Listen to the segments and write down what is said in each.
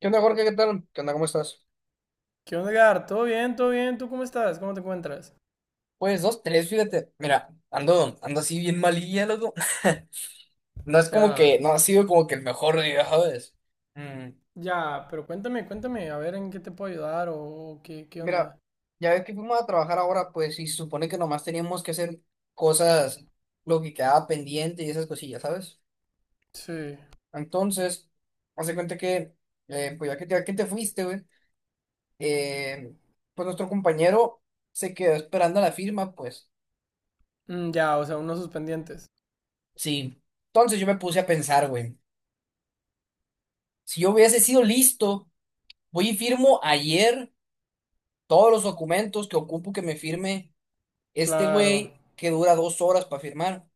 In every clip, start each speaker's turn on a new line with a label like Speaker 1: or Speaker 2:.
Speaker 1: ¿Qué onda, Jorge? ¿Qué tal? ¿Qué onda? ¿Cómo estás?
Speaker 2: ¿Qué onda, Gar? ¿Todo bien? ¿Todo bien? ¿Tú cómo estás? ¿Cómo te encuentras?
Speaker 1: Pues dos, tres, fíjate. Mira, ando así bien malilla, loco.
Speaker 2: Ya,
Speaker 1: No ha sido como que el mejor día, ¿sabes? Mm,
Speaker 2: ya, pero cuéntame, a ver en qué te puedo ayudar o qué, qué
Speaker 1: Mira,
Speaker 2: onda.
Speaker 1: ya ves que fuimos a trabajar ahora, pues, y se supone que nomás teníamos que hacer cosas, lo que quedaba pendiente y esas cosillas, ¿sabes?
Speaker 2: Sí.
Speaker 1: Entonces, hace cuenta que, pues, ya que te fuiste, güey, eh, pues nuestro compañero se quedó esperando la firma, pues.
Speaker 2: Mm, ya, o sea, unos suspendientes.
Speaker 1: Sí. Entonces yo me puse a pensar, güey. Si yo hubiese sido listo, voy y firmo ayer todos los documentos que ocupo que me firme este
Speaker 2: Claro,
Speaker 1: güey que dura 2 horas para firmar.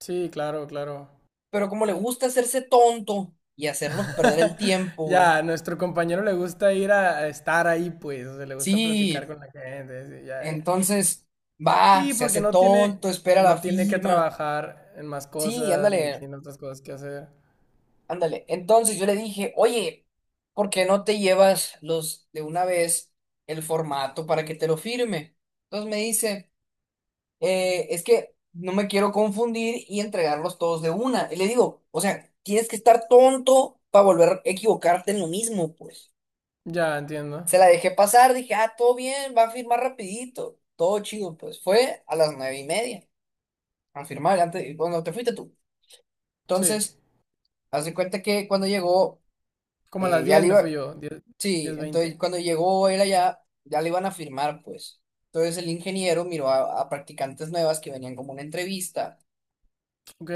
Speaker 2: sí, claro, claro.
Speaker 1: Pero como le gusta hacerse tonto y hacernos perder el tiempo, güey.
Speaker 2: Ya, a nuestro compañero le gusta ir a estar ahí, pues, o sea, le gusta platicar
Speaker 1: Sí,
Speaker 2: con la gente, sí, ya, ya.
Speaker 1: entonces va,
Speaker 2: Sí,
Speaker 1: se
Speaker 2: porque
Speaker 1: hace tonto, espera la
Speaker 2: no tiene que
Speaker 1: firma.
Speaker 2: trabajar en más
Speaker 1: Sí,
Speaker 2: cosas, ni
Speaker 1: ándale,
Speaker 2: tiene otras cosas que hacer.
Speaker 1: ándale. Entonces yo le dije, oye, ¿por qué no te llevas los de una vez el formato para que te lo firme? Entonces me dice, es que no me quiero confundir y entregarlos todos de una. Y le digo, o sea, tienes que estar tonto para volver a equivocarte en lo mismo, pues.
Speaker 2: Ya, entiendo.
Speaker 1: Se la dejé pasar, dije, ah, todo bien, va a firmar rapidito, todo chido, pues. Fue a las 9:30 a firmar, antes, cuando te fuiste tú.
Speaker 2: Sí.
Speaker 1: Entonces, hace cuenta que cuando llegó,
Speaker 2: Como a las
Speaker 1: ya
Speaker 2: 10
Speaker 1: le
Speaker 2: me
Speaker 1: iba.
Speaker 2: fui yo, diez,
Speaker 1: Sí,
Speaker 2: 10:20.
Speaker 1: entonces cuando llegó él allá, ya le iban a firmar, pues. Entonces el ingeniero miró a practicantes nuevas que venían como una entrevista.
Speaker 2: Ok.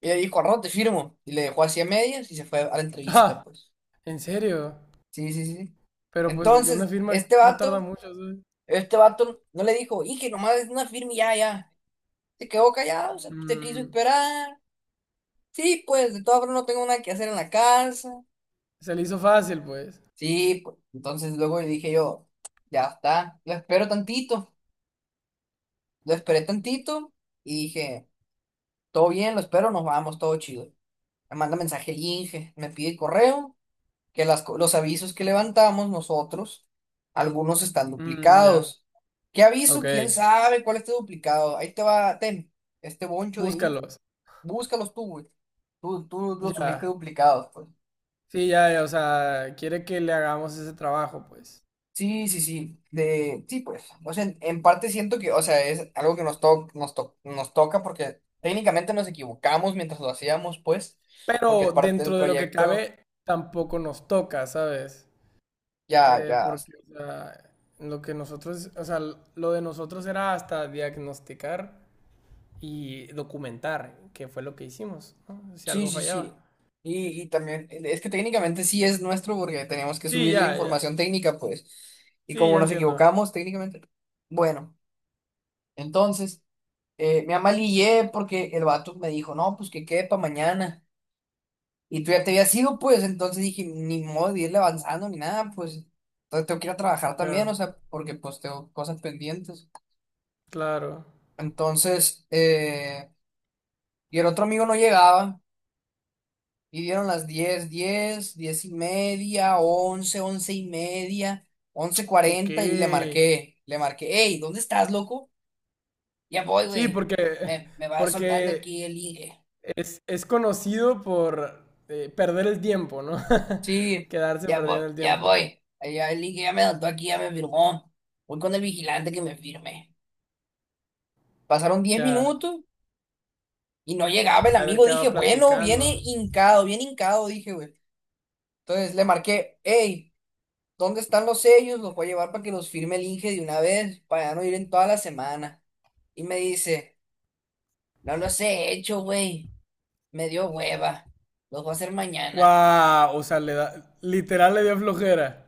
Speaker 1: Y le dijo, al rato te firmo. Y le dejó así a medias y se fue a la entrevista,
Speaker 2: Ah,
Speaker 1: pues.
Speaker 2: ¿en serio?
Speaker 1: Sí, sí, sí, sí.
Speaker 2: Pero pues que una
Speaker 1: Entonces,
Speaker 2: firma no tarda mucho, ¿sabes?
Speaker 1: este vato no le dijo, y que nomás es una firma y ya, ya. Se quedó callado, o sea, te quiso
Speaker 2: Mm,
Speaker 1: esperar. Sí, pues, de todas formas no tengo nada que hacer en la casa.
Speaker 2: se le hizo fácil, pues.
Speaker 1: Sí, pues. Entonces luego le dije yo, ya está, lo espero tantito. Lo esperé tantito y dije, todo bien, lo espero, nos vamos, todo chido. Me manda mensaje el Inge, me pide el correo, que los avisos que levantamos nosotros, algunos están
Speaker 2: Mm, ya.
Speaker 1: duplicados. ¿Qué
Speaker 2: Ok.
Speaker 1: aviso? ¿Quién sabe cuál está duplicado? Ahí te va, ten, este boncho de info.
Speaker 2: Búscalos.
Speaker 1: Búscalos tú, güey. Tú los subiste
Speaker 2: Ya.
Speaker 1: duplicados, pues.
Speaker 2: Sí, ya, ya, o sea, quiere que le hagamos ese trabajo, pues.
Speaker 1: Sí, sí, sí. Sí, pues. O sea, en parte siento que, o sea, es algo que nos toca porque técnicamente nos equivocamos mientras lo hacíamos, pues, porque es
Speaker 2: Pero
Speaker 1: parte del
Speaker 2: dentro de lo que
Speaker 1: proyecto.
Speaker 2: cabe, tampoco nos toca, ¿sabes?
Speaker 1: Ya, ya.
Speaker 2: Porque, o sea, lo que nosotros, o sea, l- lo de nosotros era hasta diagnosticar y documentar, que fue lo que hicimos, ¿no? Si
Speaker 1: Sí,
Speaker 2: algo
Speaker 1: sí,
Speaker 2: fallaba.
Speaker 1: sí. Y también, es que técnicamente sí es nuestro porque teníamos que
Speaker 2: Sí,
Speaker 1: subir la
Speaker 2: ya, ya.
Speaker 1: información técnica, pues. Y
Speaker 2: Sí,
Speaker 1: como
Speaker 2: ya
Speaker 1: nos
Speaker 2: entiendo.
Speaker 1: equivocamos técnicamente. Bueno, entonces, me amalillé porque el vato me dijo, no, pues que quede para mañana. Y tú ya te habías ido, pues. Entonces dije, ni modo de irle avanzando ni nada, pues. Entonces tengo que ir a trabajar también, o
Speaker 2: Ya,
Speaker 1: sea, porque pues tengo cosas pendientes.
Speaker 2: claro.
Speaker 1: Entonces, y el otro amigo no llegaba. Y dieron las diez, 10:30, once, 11:30, once
Speaker 2: Ok.
Speaker 1: cuarenta y le marqué, hey, ¿dónde estás, loco? Ya voy,
Speaker 2: Sí,
Speaker 1: güey.
Speaker 2: porque
Speaker 1: Me va soltando
Speaker 2: porque
Speaker 1: aquí el ligue.
Speaker 2: es conocido por perder el tiempo, ¿no?
Speaker 1: Sí,
Speaker 2: Quedarse
Speaker 1: ya voy,
Speaker 2: perdiendo el
Speaker 1: ya
Speaker 2: tiempo.
Speaker 1: voy. Ahí ya, el ligue ya me soltó aquí, ya me firmó. Voy con el vigilante que me firme. Pasaron diez
Speaker 2: Ya,
Speaker 1: minutos y no llegaba el
Speaker 2: saber
Speaker 1: amigo.
Speaker 2: qué
Speaker 1: Dije,
Speaker 2: va
Speaker 1: bueno,
Speaker 2: platicando.
Speaker 1: viene hincado, dije, güey. Entonces le marqué, hey. ¿Dónde están los sellos? Los voy a llevar para que los firme el Inge de una vez, para ya no ir en toda la semana. Y me dice, no los he hecho, güey. Me dio hueva. Los voy a hacer mañana.
Speaker 2: ¡Wow! O sea, le da, literal le dio flojera.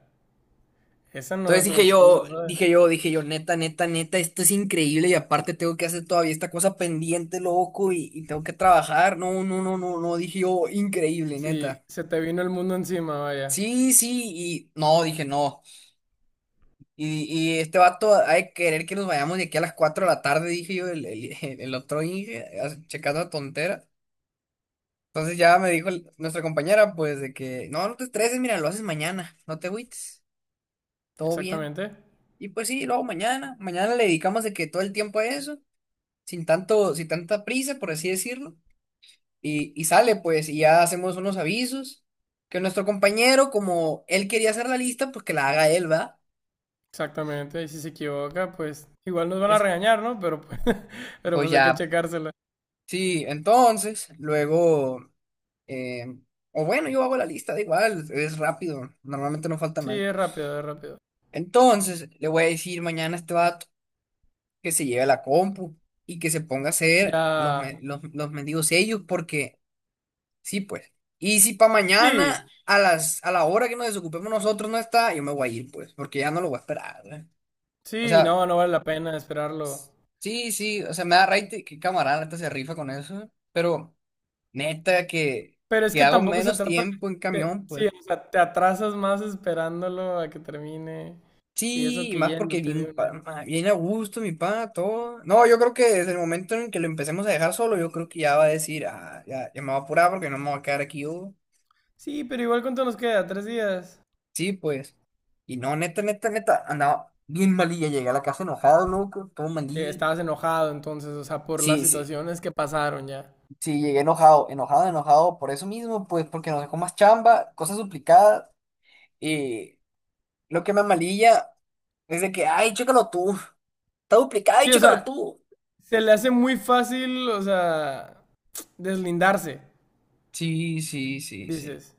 Speaker 2: Esa no
Speaker 1: Entonces
Speaker 2: es una
Speaker 1: dije yo,
Speaker 2: excusa, ¿sabes?
Speaker 1: dije yo, dije yo, neta, neta, neta, esto es increíble y aparte tengo que hacer todavía esta cosa pendiente, loco, y tengo que trabajar. No, no, no, no, no, dije yo, increíble,
Speaker 2: Sí,
Speaker 1: neta.
Speaker 2: se te vino el mundo encima, vaya.
Speaker 1: Sí, sí, y no, dije no. Y, y este vato ha de querer que nos vayamos de aquí a las 4 de la tarde, dije yo, el otro Inge, checando a tontera. Entonces ya me dijo nuestra compañera, pues, de que, no, no te estreses, mira, lo haces mañana, no te agüites, todo bien.
Speaker 2: Exactamente,
Speaker 1: Y pues sí, luego mañana le dedicamos de que todo el tiempo a eso, sin tanta prisa, por así decirlo. Y sale, pues, y ya hacemos unos avisos, que nuestro compañero, como él quería hacer la lista, pues que la haga él, ¿va?
Speaker 2: exactamente. Y si se equivoca, pues igual nos van a
Speaker 1: Es,
Speaker 2: regañar, ¿no? Pero, pues- pero
Speaker 1: pues
Speaker 2: pues hay que
Speaker 1: ya.
Speaker 2: checársela.
Speaker 1: Sí, entonces, luego, eh, o bueno, yo hago la lista, da igual, es rápido, normalmente no falta
Speaker 2: Sí,
Speaker 1: nadie.
Speaker 2: es rápido, es rápido.
Speaker 1: Entonces, le voy a decir mañana a este vato que se lleve la compu y que se ponga a hacer
Speaker 2: Ya.
Speaker 1: los mendigos sellos, porque sí, pues. Y si para
Speaker 2: Sí,
Speaker 1: mañana, a la hora que nos desocupemos nosotros no está, yo me voy a ir, pues, porque ya no lo voy a esperar, ¿eh? O
Speaker 2: sí,
Speaker 1: sea,
Speaker 2: no, no vale la pena esperarlo.
Speaker 1: sí, sí, o sea, me da raite que camarada, neta se rifa con eso, pero. Neta, que,
Speaker 2: Pero es
Speaker 1: que
Speaker 2: que
Speaker 1: hago
Speaker 2: tampoco se
Speaker 1: menos
Speaker 2: trata
Speaker 1: tiempo en
Speaker 2: de...
Speaker 1: camión, pues.
Speaker 2: Sí, o sea, te atrasas más esperándolo a que termine y
Speaker 1: Sí,
Speaker 2: eso
Speaker 1: y
Speaker 2: que
Speaker 1: más porque
Speaker 2: yéndote de
Speaker 1: bien,
Speaker 2: una.
Speaker 1: bien a gusto, mi pa, todo. No, yo creo que desde el momento en que lo empecemos a dejar solo, yo creo que ya va a decir, ah, ya, ya me voy a apurar porque no me voy a quedar aquí yo.
Speaker 2: Sí, pero igual cuánto nos queda, 3 días.
Speaker 1: Sí, pues. Y no, neta, neta, neta, andaba bien malilla, llegué a la casa enojado, loco, todo malilla.
Speaker 2: Estabas enojado entonces, o sea, por las
Speaker 1: Sí, sí,
Speaker 2: situaciones que pasaron ya.
Speaker 1: sí, llegué enojado, enojado, enojado, por eso mismo, pues, porque nos dejó más chamba, cosas duplicadas. Y lo que me amalilla es de que, ay, chécalo tú. Está duplicado y
Speaker 2: Sí, o
Speaker 1: chécalo
Speaker 2: sea,
Speaker 1: tú.
Speaker 2: se le hace muy fácil, o sea, deslindarse,
Speaker 1: Sí, sí, sí, sí.
Speaker 2: dices.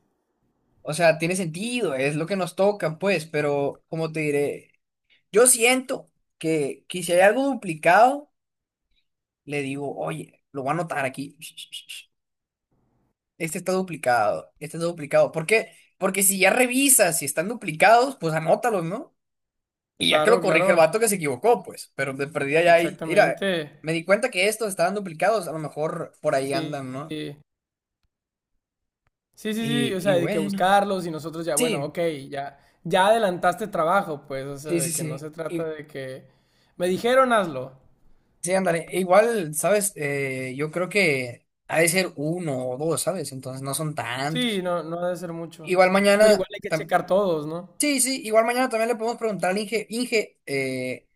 Speaker 1: O sea, tiene sentido, es lo que nos toca, pues, pero como te diré, yo siento que si hay algo duplicado, le digo, oye, lo voy a anotar aquí. Este está duplicado, este está duplicado. ¿Por qué? Porque si ya revisas si están duplicados, pues anótalos, ¿no? Y ya que lo
Speaker 2: Claro,
Speaker 1: corrige el
Speaker 2: claro,
Speaker 1: vato que se equivocó, pues, pero de perdida ya ahí, mira, me
Speaker 2: exactamente.
Speaker 1: di cuenta que estos estaban duplicados, a lo mejor por ahí
Speaker 2: Sí.
Speaker 1: andan, ¿no?
Speaker 2: Sí. Sí, sí, sí,
Speaker 1: Y,
Speaker 2: o sea,
Speaker 1: y
Speaker 2: hay que
Speaker 1: bueno,
Speaker 2: buscarlos y nosotros ya, bueno,
Speaker 1: sí.
Speaker 2: ok, ya, ya adelantaste trabajo, pues, o sea,
Speaker 1: Sí, sí,
Speaker 2: de que no
Speaker 1: sí.
Speaker 2: se trata
Speaker 1: Y,
Speaker 2: de que me dijeron hazlo.
Speaker 1: sí, ándale. E igual, ¿sabes? Yo creo que ha de ser uno o dos, ¿sabes? Entonces no son
Speaker 2: Sí,
Speaker 1: tantos.
Speaker 2: no, no ha de ser mucho.
Speaker 1: Igual
Speaker 2: Pero
Speaker 1: mañana.
Speaker 2: igual hay que checar todos, ¿no?
Speaker 1: Sí, sí, igual mañana también le podemos preguntar al Inge. Inge, eh,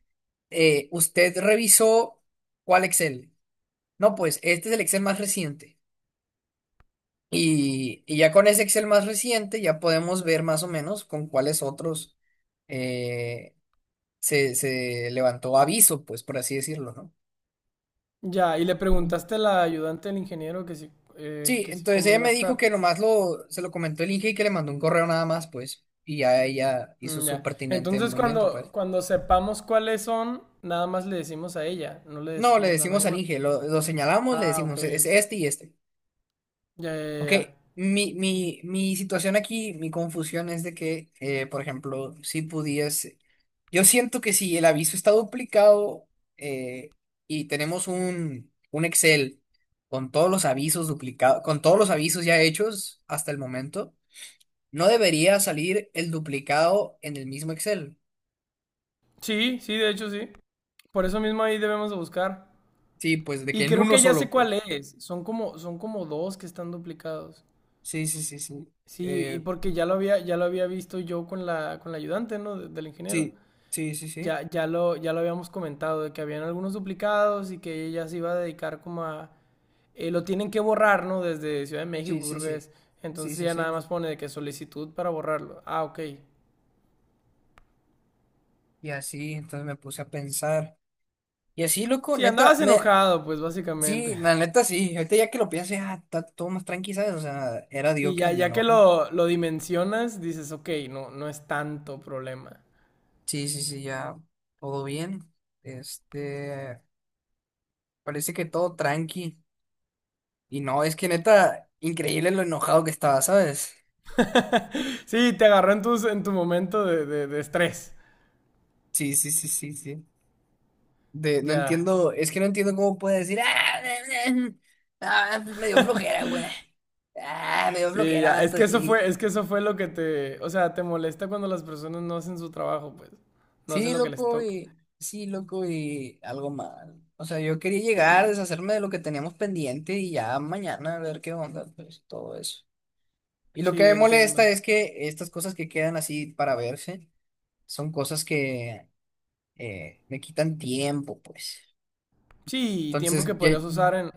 Speaker 1: eh, ¿usted revisó cuál Excel? No, pues este es el Excel más reciente. Y ya con ese Excel más reciente ya podemos ver más o menos con cuáles otros eh, se levantó aviso, pues por así decirlo, ¿no?
Speaker 2: Ya, y le preguntaste a la ayudante del ingeniero
Speaker 1: Sí,
Speaker 2: que sí
Speaker 1: entonces
Speaker 2: cómo
Speaker 1: ella
Speaker 2: iba a
Speaker 1: me dijo
Speaker 2: estar.
Speaker 1: que nomás se lo comentó el Inge y que le mandó un correo nada más, pues, y ya ella hizo
Speaker 2: Mm,
Speaker 1: su
Speaker 2: ya.
Speaker 1: pertinente
Speaker 2: Entonces
Speaker 1: movimiento, pues.
Speaker 2: cuando sepamos cuáles son, nada más le decimos a ella, no le
Speaker 1: No, le
Speaker 2: decimos a
Speaker 1: decimos
Speaker 2: nadie
Speaker 1: al
Speaker 2: más.
Speaker 1: Inge, lo señalamos, le
Speaker 2: Ah, ok.
Speaker 1: decimos, es este y este.
Speaker 2: Ya, ya, ya.
Speaker 1: Ok,
Speaker 2: ya.
Speaker 1: mi situación aquí, mi confusión es de que, por ejemplo, si pudiese, yo siento que si el aviso está duplicado, eh, y tenemos un Excel con todos los avisos duplicados, con todos los avisos ya hechos hasta el momento. No debería salir el duplicado en el mismo Excel.
Speaker 2: Sí, sí, de hecho sí. Por eso mismo ahí debemos de buscar.
Speaker 1: Sí, pues de que
Speaker 2: Y
Speaker 1: en
Speaker 2: creo
Speaker 1: uno
Speaker 2: que ya
Speaker 1: solo,
Speaker 2: sé cuál
Speaker 1: pues.
Speaker 2: es. Son son como dos que están duplicados.
Speaker 1: Sí, sí, sí, sí.
Speaker 2: Sí, y
Speaker 1: Eh,
Speaker 2: porque ya lo había visto yo con con la ayudante, ¿no?, de- del ingeniero.
Speaker 1: sí, sí, sí, sí.
Speaker 2: Ya lo habíamos comentado, de que habían algunos duplicados y que ella se iba a dedicar como a... lo tienen que borrar, ¿no? Desde Ciudad de México,
Speaker 1: Sí, sí,
Speaker 2: creo que
Speaker 1: sí.
Speaker 2: es.
Speaker 1: Sí,
Speaker 2: Entonces
Speaker 1: sí,
Speaker 2: ya nada
Speaker 1: sí.
Speaker 2: más pone de que solicitud para borrarlo. Ah, ok.
Speaker 1: Y así, entonces me puse a pensar. Y así, loco,
Speaker 2: Sí,
Speaker 1: neta.
Speaker 2: andabas enojado, pues básicamente.
Speaker 1: Sí, la neta sí. Ahorita ya que lo pienso, ya está todo más tranqui, ¿sabes? O sea, era
Speaker 2: Sí,
Speaker 1: Diokis mi enojo.
Speaker 2: lo dimensionas, dices, ok, no, no es tanto problema.
Speaker 1: Sí, sí, sí, ya. Todo bien. Este... Parece que todo tranqui. Y no, es que neta, increíble lo enojado que estaba, ¿sabes?
Speaker 2: Sí, te agarró en en tu momento de estrés.
Speaker 1: Sí, sí, sí, sí, sí. No
Speaker 2: Ya.
Speaker 1: entiendo, es que no entiendo cómo puede decir, ah, ah, pues me dio flojera, güey. Ah, me dio
Speaker 2: Sí,
Speaker 1: flojera,
Speaker 2: ya.
Speaker 1: vato.
Speaker 2: Es
Speaker 1: Y,
Speaker 2: que eso fue lo que te, o sea, te molesta cuando las personas no hacen su trabajo, pues. No hacen
Speaker 1: sí,
Speaker 2: lo que les
Speaker 1: loco,
Speaker 2: toca.
Speaker 1: y sí, loco, y algo mal. O sea, yo quería
Speaker 2: Sí,
Speaker 1: llegar, deshacerme de lo que teníamos pendiente y ya mañana a ver qué onda, pues todo eso. Y lo que
Speaker 2: sí,
Speaker 1: me molesta
Speaker 2: entiendo.
Speaker 1: es que estas cosas que quedan así para verse son cosas que me quitan tiempo, pues.
Speaker 2: Sí, tiempo que
Speaker 1: Entonces,
Speaker 2: podrías usar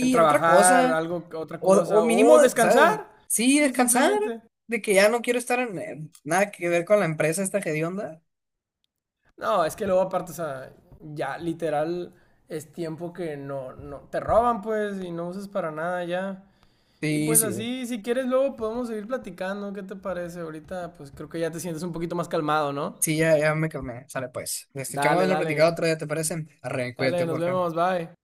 Speaker 2: en
Speaker 1: en otra
Speaker 2: trabajar,
Speaker 1: cosa.
Speaker 2: algo, otra
Speaker 1: O
Speaker 2: cosa,
Speaker 1: mínimo,
Speaker 2: o
Speaker 1: ¿sabes?
Speaker 2: descansar.
Speaker 1: Sí,
Speaker 2: Sí,
Speaker 1: descansar,
Speaker 2: simplemente.
Speaker 1: de que ya no quiero estar en nada que ver con la empresa esta hedionda.
Speaker 2: No, es que luego aparte, o sea, ya literal es tiempo que no, no, te roban, pues, y no usas para nada ya. Y
Speaker 1: Sí,
Speaker 2: pues
Speaker 1: sí,
Speaker 2: así, si quieres, luego podemos seguir platicando. ¿Qué te parece? Ahorita, pues creo que ya te sientes un poquito más calmado, ¿no?
Speaker 1: sí, ya, ya me calmé. Sale pues. Chamo de
Speaker 2: Dale,
Speaker 1: lo platicado
Speaker 2: dale.
Speaker 1: otro día, ¿te parece? Arre, cuídate,
Speaker 2: Dale, nos
Speaker 1: Jorge.
Speaker 2: vemos, bye.